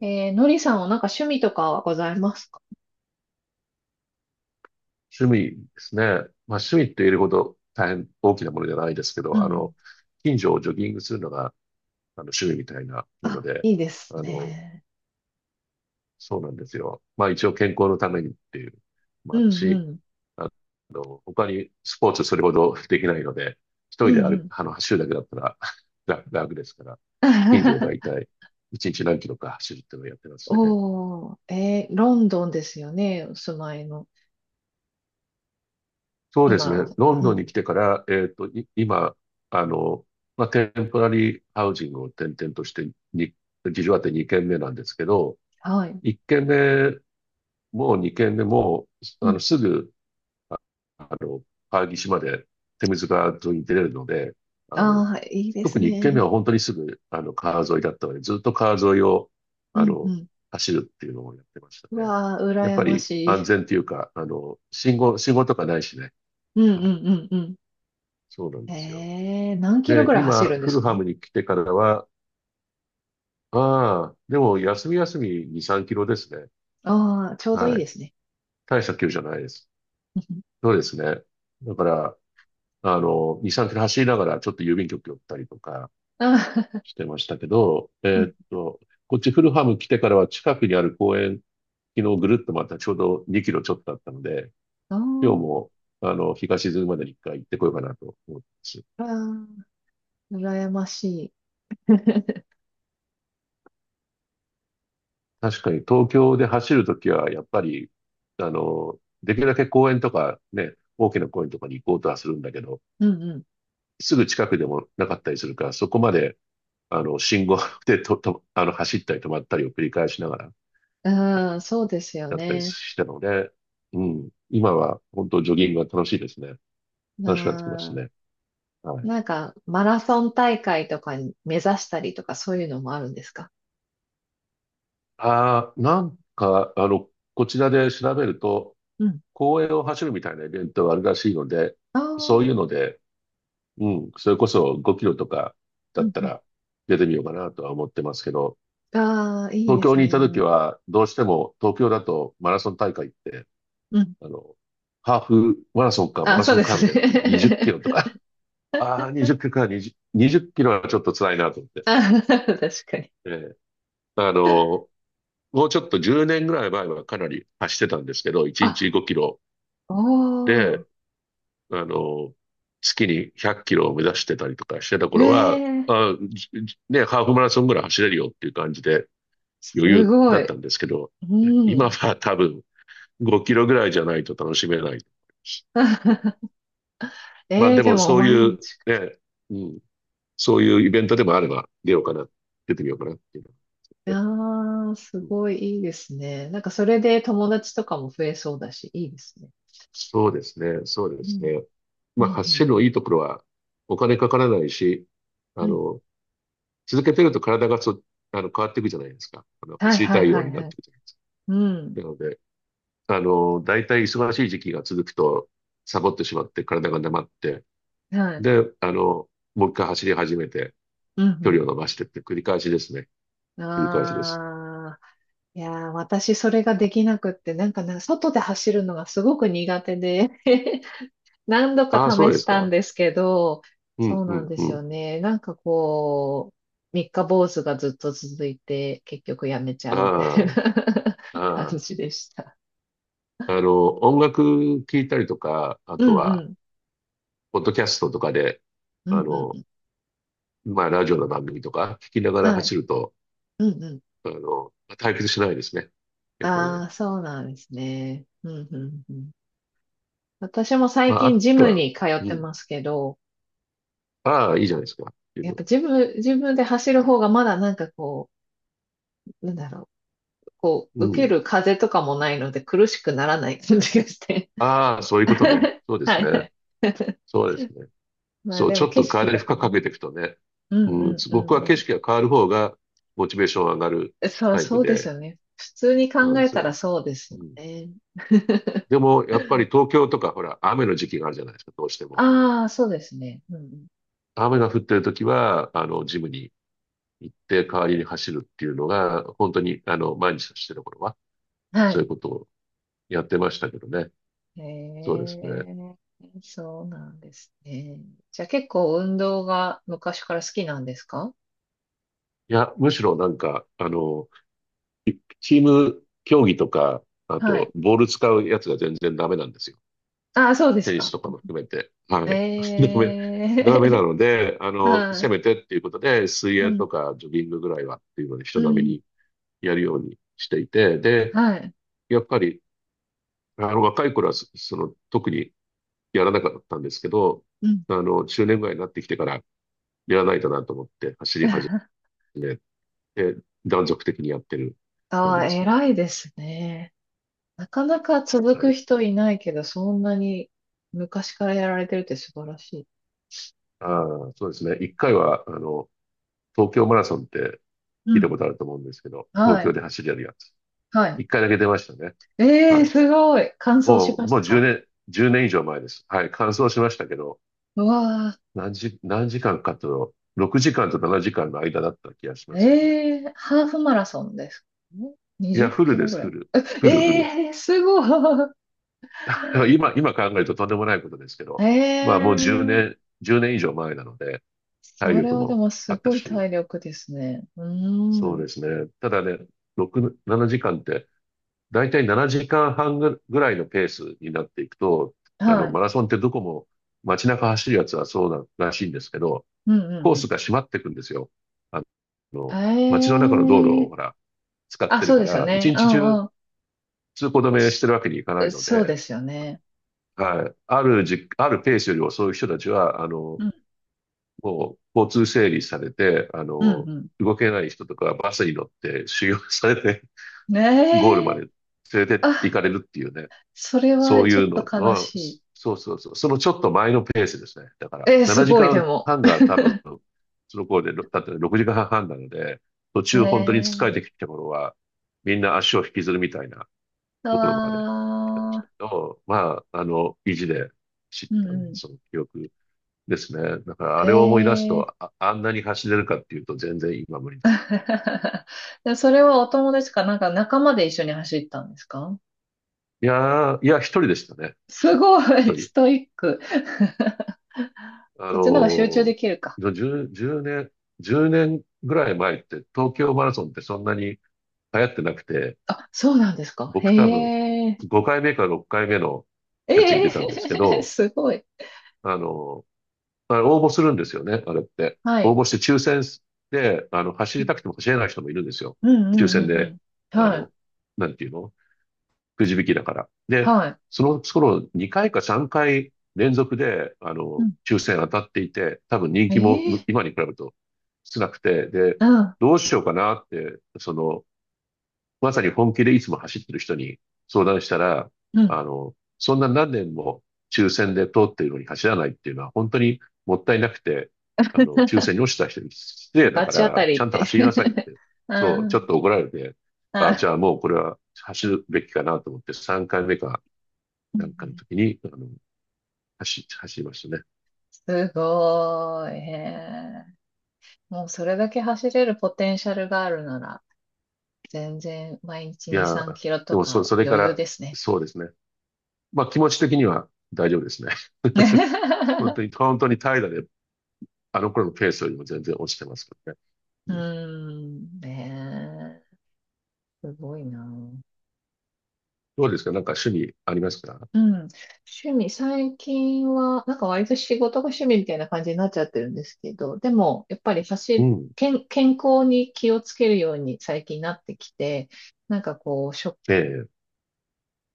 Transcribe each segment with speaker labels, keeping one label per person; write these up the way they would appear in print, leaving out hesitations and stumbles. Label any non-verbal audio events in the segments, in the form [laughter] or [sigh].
Speaker 1: のりさんはなんか趣味とかはございますか？
Speaker 2: 趣味ですね。まあ趣味って言えるほど大変大きなものじゃないですけ
Speaker 1: う
Speaker 2: ど、
Speaker 1: ん。
Speaker 2: 近所をジョギングするのが趣味みたいなもの
Speaker 1: あ、
Speaker 2: で、
Speaker 1: いいです
Speaker 2: あの、
Speaker 1: ね。
Speaker 2: そうなんですよ。まあ一応健康のためにっていうの
Speaker 1: う
Speaker 2: もある
Speaker 1: んう
Speaker 2: し、
Speaker 1: ん。
Speaker 2: あ他にスポーツそれほどできないので、
Speaker 1: う
Speaker 2: 一人で
Speaker 1: んう
Speaker 2: 歩く、
Speaker 1: ん。
Speaker 2: あの、走るだけだったら [laughs] 楽ですから、近所をだい
Speaker 1: [laughs]
Speaker 2: たい1日何キロか走るっていうのをやってますね。
Speaker 1: おー、ロンドンですよね。お住まいの。
Speaker 2: そうですね。
Speaker 1: 今、
Speaker 2: ロン
Speaker 1: う
Speaker 2: ドンに
Speaker 1: ん。
Speaker 2: 来てから、今、あの、まあ、テンポラリーハウジングを転々としてに、事情あって2軒目なんですけど、
Speaker 1: はい。
Speaker 2: 1軒目も2軒目も、
Speaker 1: うん。
Speaker 2: すぐ、ああの、川岸まで手水川沿いに出れるので、あの、
Speaker 1: ああ、いいです
Speaker 2: 特に1軒目
Speaker 1: ね。
Speaker 2: は本当にすぐ、川沿いだったので、ずっと川沿いを、
Speaker 1: う
Speaker 2: あ
Speaker 1: んう
Speaker 2: の、
Speaker 1: ん。
Speaker 2: 走るっていうのをやってました
Speaker 1: う
Speaker 2: ね。
Speaker 1: わあ、
Speaker 2: やっ
Speaker 1: 羨
Speaker 2: ぱ
Speaker 1: ま
Speaker 2: り
Speaker 1: し
Speaker 2: 安
Speaker 1: い。
Speaker 2: 全っていうか、信号とかないしね。
Speaker 1: うん
Speaker 2: は
Speaker 1: う
Speaker 2: い。
Speaker 1: んうんうん。
Speaker 2: そうなんですよ。
Speaker 1: 何キロ
Speaker 2: で、
Speaker 1: ぐらい走
Speaker 2: 今、
Speaker 1: るんで
Speaker 2: フ
Speaker 1: す
Speaker 2: ルハ
Speaker 1: か？
Speaker 2: ムに来てからは、でも休み休み2、3キロですね。
Speaker 1: ああー、ちょうどい
Speaker 2: は
Speaker 1: いで
Speaker 2: い。
Speaker 1: すね。
Speaker 2: 大した距離じゃないです。
Speaker 1: うん
Speaker 2: そうですね。だから、2、3キロ走りながらちょっと郵便局寄ったりとか
Speaker 1: あー、
Speaker 2: してましたけど、
Speaker 1: [laughs] うん。
Speaker 2: こっちフルハム来てからは近くにある公園、昨日ぐるっとまたちょうど2キロちょっとあったので、
Speaker 1: [laughs] あ
Speaker 2: 今日も、
Speaker 1: ー
Speaker 2: 日が沈むまでに1回行ってこようかなと思ってます。
Speaker 1: あー、羨ましい。[laughs]
Speaker 2: 確かに東京で走るときは、やっぱり、できるだけ公園とかね、大きな公園とかに行こうとはするんだけど、
Speaker 1: うんうん
Speaker 2: すぐ近くでもなかったりするから、そこまで、信号 [laughs] でと、と、走ったり止まったりを繰り返しながら
Speaker 1: うん、そうですよ
Speaker 2: やったり
Speaker 1: ね。
Speaker 2: したので、うん、今は本当ジョギングが楽しいですね。楽しくなってきまし
Speaker 1: なあ、
Speaker 2: たね。はい。
Speaker 1: なんか、マラソン大会とかに目指したりとか、そういうのもあるんですか？
Speaker 2: ああ、なんか、こちらで調べると、
Speaker 1: うん。
Speaker 2: 公園を走るみたいなイベントがあるらしいので、
Speaker 1: ああ、
Speaker 2: そうい
Speaker 1: う
Speaker 2: う
Speaker 1: ん
Speaker 2: ので、うん。それこそ5キロとか
Speaker 1: う
Speaker 2: だっ
Speaker 1: ん。
Speaker 2: たら出てみようかなとは思ってますけど、
Speaker 1: ああ、いい
Speaker 2: 東
Speaker 1: で
Speaker 2: 京
Speaker 1: す
Speaker 2: にいた時
Speaker 1: ね。
Speaker 2: はどうしても東京だとマラソン大会って、
Speaker 1: うん。
Speaker 2: あの、ハーフマラソンかマ
Speaker 1: あ、
Speaker 2: ラ
Speaker 1: そう
Speaker 2: ソン
Speaker 1: で
Speaker 2: か
Speaker 1: す
Speaker 2: みたいになって20キ
Speaker 1: ね。
Speaker 2: ロとか、[laughs] ああ、20キロか20、20キロはちょっと辛いなと思っ
Speaker 1: [laughs]
Speaker 2: て。
Speaker 1: あ、確かに。
Speaker 2: ええ、あの、もうちょっと10年ぐらい前はかなり走ってたんですけど、1日
Speaker 1: あ、
Speaker 2: 5キロ
Speaker 1: お
Speaker 2: で、
Speaker 1: ー、
Speaker 2: あの、月に100キロを目指してたりとかしてた
Speaker 1: え
Speaker 2: 頃は、
Speaker 1: え
Speaker 2: あ、じじね、ハーフマラソンぐらい走れるよっていう感じで
Speaker 1: す
Speaker 2: 余裕
Speaker 1: ご
Speaker 2: だった
Speaker 1: い。
Speaker 2: んですけど、
Speaker 1: う
Speaker 2: 今
Speaker 1: ん。
Speaker 2: は多分5キロぐらいじゃないと楽しめない。
Speaker 1: [laughs]
Speaker 2: まあ
Speaker 1: ええ
Speaker 2: で
Speaker 1: で
Speaker 2: も
Speaker 1: も
Speaker 2: そう
Speaker 1: 毎
Speaker 2: いう
Speaker 1: 日。
Speaker 2: ね、うん、そういうイベントでもあれば出ようかな、出てみようかなっていうのがね。
Speaker 1: ああ、す
Speaker 2: うん、
Speaker 1: ごいいいですね。なんかそれで友達とかも増えそうだし、いいですね。
Speaker 2: そうですね、そうで
Speaker 1: う
Speaker 2: す
Speaker 1: ん、
Speaker 2: ね。
Speaker 1: う
Speaker 2: まあ
Speaker 1: ん、う
Speaker 2: 走るの
Speaker 1: ん。
Speaker 2: いいところはお金かからないし、あ
Speaker 1: うん
Speaker 2: の、続けてると体がそあの変わっていくじゃないですか。
Speaker 1: はい
Speaker 2: 走り
Speaker 1: は
Speaker 2: た
Speaker 1: い
Speaker 2: いよ
Speaker 1: は
Speaker 2: うに
Speaker 1: い
Speaker 2: なっ
Speaker 1: は
Speaker 2: て
Speaker 1: い。
Speaker 2: いくじゃないですか。
Speaker 1: うん。
Speaker 2: なので、大体忙しい時期が続くと、サボってしまって体が黙って、
Speaker 1: はい。
Speaker 2: で、もう一回走り始めて、
Speaker 1: う
Speaker 2: 距離
Speaker 1: ん
Speaker 2: を伸ばしてって繰り返しですね。
Speaker 1: うん。
Speaker 2: 繰り返しです。
Speaker 1: ああ。いやー、私それができなくって、なんかね、外で走るのがすごく苦手で [laughs] 何度か
Speaker 2: ああ、そう
Speaker 1: 試
Speaker 2: で
Speaker 1: し
Speaker 2: す
Speaker 1: たん
Speaker 2: か。
Speaker 1: ですけど、
Speaker 2: うん、
Speaker 1: そう
Speaker 2: う
Speaker 1: なん
Speaker 2: ん、
Speaker 1: で
Speaker 2: う
Speaker 1: す
Speaker 2: ん。
Speaker 1: よね。なんかこう、三日坊主がずっと続いて、結局やめち
Speaker 2: あ
Speaker 1: ゃうみたいな
Speaker 2: あ、
Speaker 1: [laughs] 感
Speaker 2: ああ。
Speaker 1: じでした。
Speaker 2: 音楽聴いたりとか、あ
Speaker 1: う
Speaker 2: と
Speaker 1: んう
Speaker 2: は、
Speaker 1: ん。
Speaker 2: ポッドキャストとかで、
Speaker 1: う
Speaker 2: あ
Speaker 1: んう
Speaker 2: の、
Speaker 1: ん。
Speaker 2: まあ、ラジオの番組とか聞きながら
Speaker 1: はい。
Speaker 2: 走ると、
Speaker 1: うんうん。
Speaker 2: 退屈しないですね。やっぱり
Speaker 1: あ
Speaker 2: ね。
Speaker 1: あ、そうなんですね。うんうんうん。私も最
Speaker 2: まあ、
Speaker 1: 近
Speaker 2: あ
Speaker 1: ジ
Speaker 2: と
Speaker 1: ム
Speaker 2: は、
Speaker 1: に通っ
Speaker 2: う
Speaker 1: て
Speaker 2: ん。
Speaker 1: ますけど、
Speaker 2: ああ、いいじゃないですか。ってい
Speaker 1: やっ
Speaker 2: う。
Speaker 1: ぱジム、自分で走る方がまだなんかこう、なんだろう、こ
Speaker 2: う
Speaker 1: う、受け
Speaker 2: ん。
Speaker 1: る風とかもないので苦しくならない感じがして。
Speaker 2: ああ、そういうことね。
Speaker 1: [laughs]
Speaker 2: そうで
Speaker 1: は
Speaker 2: す
Speaker 1: いは
Speaker 2: ね。
Speaker 1: い。[laughs]
Speaker 2: そうですね。
Speaker 1: まあ
Speaker 2: そう、
Speaker 1: で
Speaker 2: ち
Speaker 1: も
Speaker 2: ょっ
Speaker 1: 景
Speaker 2: と
Speaker 1: 色
Speaker 2: 体に
Speaker 1: と
Speaker 2: 負
Speaker 1: か
Speaker 2: 荷かけ
Speaker 1: ね。
Speaker 2: ていくとね。
Speaker 1: うん
Speaker 2: うん、
Speaker 1: うんう
Speaker 2: 僕
Speaker 1: ん
Speaker 2: は景
Speaker 1: う
Speaker 2: 色が変わる方がモチベーション上がる
Speaker 1: ん。そう、
Speaker 2: タイプ
Speaker 1: そうです
Speaker 2: で、
Speaker 1: よね。普通に
Speaker 2: そうな
Speaker 1: 考
Speaker 2: んで
Speaker 1: え
Speaker 2: す
Speaker 1: たら
Speaker 2: よ。
Speaker 1: そうです
Speaker 2: う
Speaker 1: よ
Speaker 2: ん。
Speaker 1: ね。[laughs]
Speaker 2: でも、やっぱり東京とか、ほら、雨の時期があるじゃないですか、どうしても。
Speaker 1: ああ、そうですね。うんうん。
Speaker 2: 雨が降ってる時は、ジムに行って代わりに走るっていうのが、本当に、毎日してる頃は、
Speaker 1: は
Speaker 2: そういう
Speaker 1: い。
Speaker 2: ことをやってましたけどね。
Speaker 1: へ
Speaker 2: そうですね。
Speaker 1: え、そうなんですね。じゃあ結構運動が昔から好きなんですか？
Speaker 2: いや、むしろなんか、チーム競技とか、あ
Speaker 1: は
Speaker 2: と、
Speaker 1: い。
Speaker 2: ボール使うやつが全然ダメなんですよ。
Speaker 1: ああ、そうです
Speaker 2: テニス
Speaker 1: か。
Speaker 2: とかも含めて。はい。[laughs]
Speaker 1: え
Speaker 2: ダメ、ダメな
Speaker 1: え、
Speaker 2: ので、
Speaker 1: [laughs] は
Speaker 2: せ
Speaker 1: い。
Speaker 2: めてっていうことで、水
Speaker 1: う
Speaker 2: 泳
Speaker 1: ん、
Speaker 2: とかジョギングぐらいはっていうので、
Speaker 1: う
Speaker 2: 人並み
Speaker 1: ん、
Speaker 2: にやるようにしていて、で、
Speaker 1: はい。
Speaker 2: やっぱり、若い頃はその、特にやらなかったんですけど、
Speaker 1: うん。
Speaker 2: 中年ぐらいになってきてから、やらないとなと思って、走り始
Speaker 1: [laughs]
Speaker 2: めて、断続的にやってる感
Speaker 1: あ
Speaker 2: じ
Speaker 1: あ、
Speaker 2: ですね。
Speaker 1: 偉いですね。なかなか続
Speaker 2: は
Speaker 1: く
Speaker 2: い。
Speaker 1: 人いないけど、そんなに昔からやられてるって素晴らしい。
Speaker 2: ああ、そうですね。一回は、東京マラソンって
Speaker 1: う
Speaker 2: 聞いた
Speaker 1: ん。
Speaker 2: ことあると思うんですけど、東
Speaker 1: は
Speaker 2: 京
Speaker 1: い。
Speaker 2: で走りやるやつ。
Speaker 1: はい。
Speaker 2: 一回だけ出ましたね。
Speaker 1: ええ、
Speaker 2: はい。
Speaker 1: すごい。完走し
Speaker 2: もう、
Speaker 1: まし
Speaker 2: もう
Speaker 1: た
Speaker 2: 10
Speaker 1: か？
Speaker 2: 年、1年以上前です。はい。完走しましたけど、
Speaker 1: うわ
Speaker 2: 何時間かと、6時間と7時間の間だった気がしますよね。
Speaker 1: ええーハーフマラソンですか？ん？
Speaker 2: いや、
Speaker 1: 20
Speaker 2: フル
Speaker 1: キロ
Speaker 2: です、
Speaker 1: ぐら
Speaker 2: フ
Speaker 1: い。
Speaker 2: ル。
Speaker 1: [laughs]
Speaker 2: フル、フル。
Speaker 1: ええーすごい。
Speaker 2: [laughs] 今考えるととんでもないことですけ
Speaker 1: [laughs] え
Speaker 2: ど、ま
Speaker 1: え
Speaker 2: あもう10年、
Speaker 1: ー
Speaker 2: 10年以上前なので、体
Speaker 1: それ
Speaker 2: 力
Speaker 1: はで
Speaker 2: も
Speaker 1: も
Speaker 2: あ
Speaker 1: す
Speaker 2: った
Speaker 1: ごい
Speaker 2: し、
Speaker 1: 体力ですね。うー
Speaker 2: そう
Speaker 1: ん。
Speaker 2: ですね。ただね、6、7時間って、だいたい7時間半ぐらいのペースになっていくと、
Speaker 1: はい。
Speaker 2: マラソンってどこも街中走るやつはそうならしいんですけど、
Speaker 1: うんう
Speaker 2: コ
Speaker 1: ん
Speaker 2: ー
Speaker 1: う
Speaker 2: ス
Speaker 1: ん。
Speaker 2: が閉まっていくんですよ。あ
Speaker 1: え
Speaker 2: の、街の
Speaker 1: え
Speaker 2: 中の道路を
Speaker 1: ー
Speaker 2: ほら、使っ
Speaker 1: あ、
Speaker 2: てる
Speaker 1: そう
Speaker 2: か
Speaker 1: ですよ
Speaker 2: ら、一
Speaker 1: ね。う
Speaker 2: 日
Speaker 1: ん
Speaker 2: 中
Speaker 1: うん。
Speaker 2: 通行止めして
Speaker 1: し
Speaker 2: るわけにいかないの
Speaker 1: そうで
Speaker 2: で、
Speaker 1: すよね。
Speaker 2: はい。あるじ、あるペースより遅い人たちは、
Speaker 1: うん。
Speaker 2: もう交通整理されて、
Speaker 1: うん
Speaker 2: 動けない人とかはバスに乗って修行されて、
Speaker 1: うん。
Speaker 2: ゴール
Speaker 1: え
Speaker 2: まで
Speaker 1: え
Speaker 2: 連れて行
Speaker 1: あ、
Speaker 2: かれるっていうね。
Speaker 1: それ
Speaker 2: そ
Speaker 1: は
Speaker 2: う
Speaker 1: ちょ
Speaker 2: いう
Speaker 1: っと
Speaker 2: の
Speaker 1: 悲
Speaker 2: の、
Speaker 1: しい。
Speaker 2: そうそうそう、そのちょっと前のペースですね。だか
Speaker 1: えー
Speaker 2: ら、
Speaker 1: す
Speaker 2: 7
Speaker 1: ご
Speaker 2: 時
Speaker 1: い、でも。
Speaker 2: 間半が多分、その頃で、ろだって6時間半なので、途中本当に疲れ
Speaker 1: ええ
Speaker 2: てきた頃は、みんな足を引きずるみたいなところまで来てました
Speaker 1: ああ
Speaker 2: けど、まあ、意地で知っ
Speaker 1: ー、うん
Speaker 2: た
Speaker 1: う
Speaker 2: そ
Speaker 1: ん。
Speaker 2: の記憶ですね。だから、あ
Speaker 1: え
Speaker 2: れを思い出す
Speaker 1: え
Speaker 2: と、あ、あんなに走れるかっていうと、全然今無理だ。
Speaker 1: [laughs] で、それはお友達かなんか仲間で一緒に走ったんですか？
Speaker 2: いやー、いや、一人でしたね。
Speaker 1: すご
Speaker 2: 一
Speaker 1: い、
Speaker 2: 人。
Speaker 1: ストイック。[laughs]
Speaker 2: あ
Speaker 1: そっちの方が集中で
Speaker 2: の、
Speaker 1: きるか。
Speaker 2: 10、10年、1年ぐらい前って東京マラソンってそんなに流行ってなくて、
Speaker 1: あ、そうなんですか。へ
Speaker 2: 僕多分
Speaker 1: え。
Speaker 2: 5回目か6回目のやつに
Speaker 1: え
Speaker 2: 出たんですけ
Speaker 1: え [laughs]
Speaker 2: ど、
Speaker 1: すごい。
Speaker 2: あの、あれ応募するんですよね、あれって。
Speaker 1: は
Speaker 2: 応
Speaker 1: い。
Speaker 2: 募して抽選で、走りたくても走れない人もいるんですよ。
Speaker 1: うんうんう
Speaker 2: 抽選
Speaker 1: んう
Speaker 2: で、
Speaker 1: ん。
Speaker 2: あ
Speaker 1: はい。
Speaker 2: の、なんていうのくじ引きだから。で、
Speaker 1: はい。
Speaker 2: その頃2回か3回連続で、
Speaker 1: うん。
Speaker 2: 抽選当たっていて、多分人気も
Speaker 1: ええ
Speaker 2: 今に比べると少なくて、で、
Speaker 1: うん。
Speaker 2: どうしようかなって、その、まさに本気でいつも走ってる人に相談したら、
Speaker 1: うん。
Speaker 2: そんな何年も抽選で通っているのに走らないっていうのは本当にもったいなくて、抽選に
Speaker 1: [laughs]
Speaker 2: 落ちた人に失礼だ
Speaker 1: 罰
Speaker 2: か
Speaker 1: 当た
Speaker 2: ら、ち
Speaker 1: り
Speaker 2: ゃ
Speaker 1: っ
Speaker 2: んと
Speaker 1: て
Speaker 2: 走りなさいっ
Speaker 1: [laughs]
Speaker 2: て、
Speaker 1: う
Speaker 2: そう、ちょっ
Speaker 1: ん。
Speaker 2: と怒られて、あ、じ
Speaker 1: あ、
Speaker 2: ゃあもうこれは走るべきかなと思って3回目か
Speaker 1: うん
Speaker 2: なんか
Speaker 1: う
Speaker 2: の
Speaker 1: ん
Speaker 2: 時に、走りましたね。
Speaker 1: すごい。へえ。もうそれだけ走れるポテンシャルがあるなら、全然毎日
Speaker 2: い
Speaker 1: 2、
Speaker 2: や
Speaker 1: 3
Speaker 2: ー、
Speaker 1: キロ
Speaker 2: で
Speaker 1: と
Speaker 2: もそ、
Speaker 1: か
Speaker 2: それか
Speaker 1: 余裕
Speaker 2: ら、
Speaker 1: ですね。
Speaker 2: そうですね。まあ気持ち的には大丈夫ですね。本
Speaker 1: [laughs]
Speaker 2: 当に、本当に怠惰で、あの頃のペースよりも全然落ちてますけどね。
Speaker 1: う
Speaker 2: う
Speaker 1: ー
Speaker 2: ん。
Speaker 1: ん、ねえ、すごいな。う
Speaker 2: どうですか？なんか趣味ありますか？
Speaker 1: ん、趣味、最近は、なんか割と仕事が趣味みたいな感じになっちゃってるんですけど、でも、やっぱり
Speaker 2: うん。
Speaker 1: 健康に気をつけるように最近なってきて、なんかこう、
Speaker 2: ええ。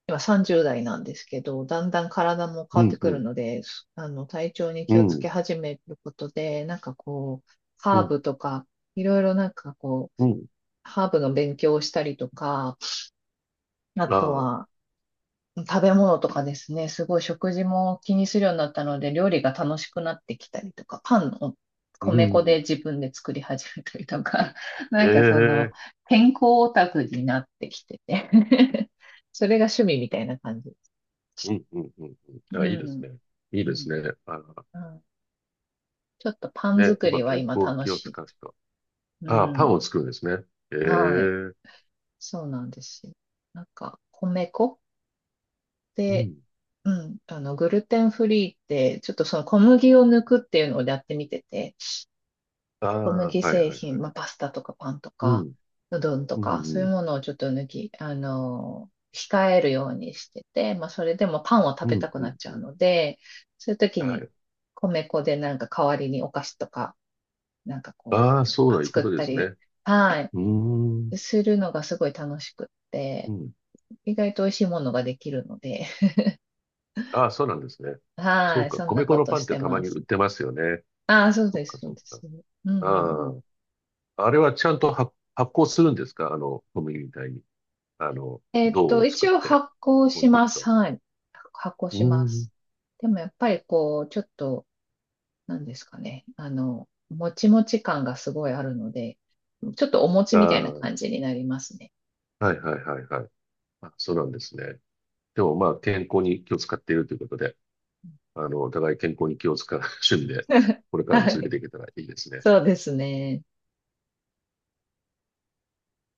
Speaker 1: 今30代なんですけど、だんだん体も変
Speaker 2: う
Speaker 1: わって
Speaker 2: ん、
Speaker 1: く
Speaker 2: う
Speaker 1: る
Speaker 2: ん、
Speaker 1: ので、すあの、体調に
Speaker 2: う
Speaker 1: 気をつけ
Speaker 2: ん、
Speaker 1: 始めることで、なんかこう、
Speaker 2: う
Speaker 1: ハー
Speaker 2: ん、
Speaker 1: ブとか、いろいろなんかこう、
Speaker 2: うん。
Speaker 1: ハーブの勉強をしたりとか、あ
Speaker 2: あ
Speaker 1: と
Speaker 2: あ、
Speaker 1: は食べ物とかですね、すごい食事も気にするようになったので、料理が楽しくなってきたりとか、パンを
Speaker 2: う
Speaker 1: 米粉で
Speaker 2: ん。
Speaker 1: 自分で作り始めたりとか、[laughs] な
Speaker 2: え
Speaker 1: んかその、
Speaker 2: え。
Speaker 1: 健康オタクになってきてて [laughs] それが趣味みたいな感じです。
Speaker 2: うん、うん、うん。うん、
Speaker 1: うん。
Speaker 2: あ、いいですね。いい
Speaker 1: う
Speaker 2: です
Speaker 1: ん
Speaker 2: ね。ああ、
Speaker 1: うん、ちょっとパン
Speaker 2: ね、
Speaker 1: 作り
Speaker 2: 今、
Speaker 1: は
Speaker 2: 健
Speaker 1: 今
Speaker 2: 康
Speaker 1: 楽
Speaker 2: 器を
Speaker 1: しいで
Speaker 2: 使う
Speaker 1: す。
Speaker 2: 人。ああ、
Speaker 1: う
Speaker 2: パン
Speaker 1: ん。
Speaker 2: を作るんですね。ええ。
Speaker 1: はい。
Speaker 2: う
Speaker 1: そうなんですよ。なんか、米粉で、
Speaker 2: ん。
Speaker 1: うん、グルテンフリーって、ちょっとその小麦を抜くっていうのをやってみてて、
Speaker 2: ああ、
Speaker 1: 小麦
Speaker 2: はい、
Speaker 1: 製
Speaker 2: はい、は
Speaker 1: 品、まあ、
Speaker 2: い。
Speaker 1: パスタとかパンと
Speaker 2: う
Speaker 1: か、
Speaker 2: ん、
Speaker 1: うどんと
Speaker 2: う
Speaker 1: か、そ
Speaker 2: ん、
Speaker 1: うい
Speaker 2: う
Speaker 1: う
Speaker 2: ん、
Speaker 1: ものをちょっと抜き、あの、控えるようにしてて、まあ、それでもパンを
Speaker 2: う
Speaker 1: 食
Speaker 2: ん、
Speaker 1: べたく
Speaker 2: う
Speaker 1: なっ
Speaker 2: ん。
Speaker 1: ち
Speaker 2: う
Speaker 1: ゃう
Speaker 2: ん、
Speaker 1: ので、そういう時
Speaker 2: は
Speaker 1: に
Speaker 2: い。
Speaker 1: 米粉でなんか代わりにお菓子とか、なんかこう、
Speaker 2: ああ、
Speaker 1: パンと
Speaker 2: そう
Speaker 1: か
Speaker 2: だ、いうこ
Speaker 1: 作
Speaker 2: と
Speaker 1: っ
Speaker 2: で
Speaker 1: た
Speaker 2: す
Speaker 1: り、
Speaker 2: ね。
Speaker 1: はい。
Speaker 2: うーん。
Speaker 1: するのがすごい楽しくっ
Speaker 2: う
Speaker 1: て、
Speaker 2: ん。
Speaker 1: 意外と美味しいものができるので、[laughs]
Speaker 2: ああ、そうなんですね。そ
Speaker 1: は
Speaker 2: う
Speaker 1: い、
Speaker 2: か。
Speaker 1: そんな
Speaker 2: 米粉
Speaker 1: こ
Speaker 2: の
Speaker 1: と
Speaker 2: パンっ
Speaker 1: し
Speaker 2: て
Speaker 1: て
Speaker 2: たま
Speaker 1: ま
Speaker 2: に売
Speaker 1: す。
Speaker 2: ってますよね。
Speaker 1: ああ、そう
Speaker 2: そっ
Speaker 1: で
Speaker 2: か、
Speaker 1: す、そう
Speaker 2: そっ
Speaker 1: で
Speaker 2: か。
Speaker 1: す。うんうんう
Speaker 2: あ
Speaker 1: ん。
Speaker 2: あ。あれはちゃんと発酵するんですか？小麦みたいに。銅を作
Speaker 1: 一
Speaker 2: っ
Speaker 1: 応
Speaker 2: て
Speaker 1: 発行
Speaker 2: 置
Speaker 1: し
Speaker 2: いてお
Speaker 1: ま
Speaker 2: くと。
Speaker 1: す。はい。発行
Speaker 2: う
Speaker 1: し
Speaker 2: ー
Speaker 1: ます。
Speaker 2: ん。
Speaker 1: でもやっぱりこう、ちょっと、なんですかね。もちもち感がすごいあるので、ちょっとお餅みたいな
Speaker 2: あ
Speaker 1: 感じになりますね。
Speaker 2: あ、はいはいはいはい。あ、そうなんですね。でもまあ、健康に気を使っているということで、お互い健康に気を使う趣味で、
Speaker 1: [laughs]
Speaker 2: これからも
Speaker 1: は
Speaker 2: 続け
Speaker 1: い。
Speaker 2: ていけたらいいですね。
Speaker 1: そうですね。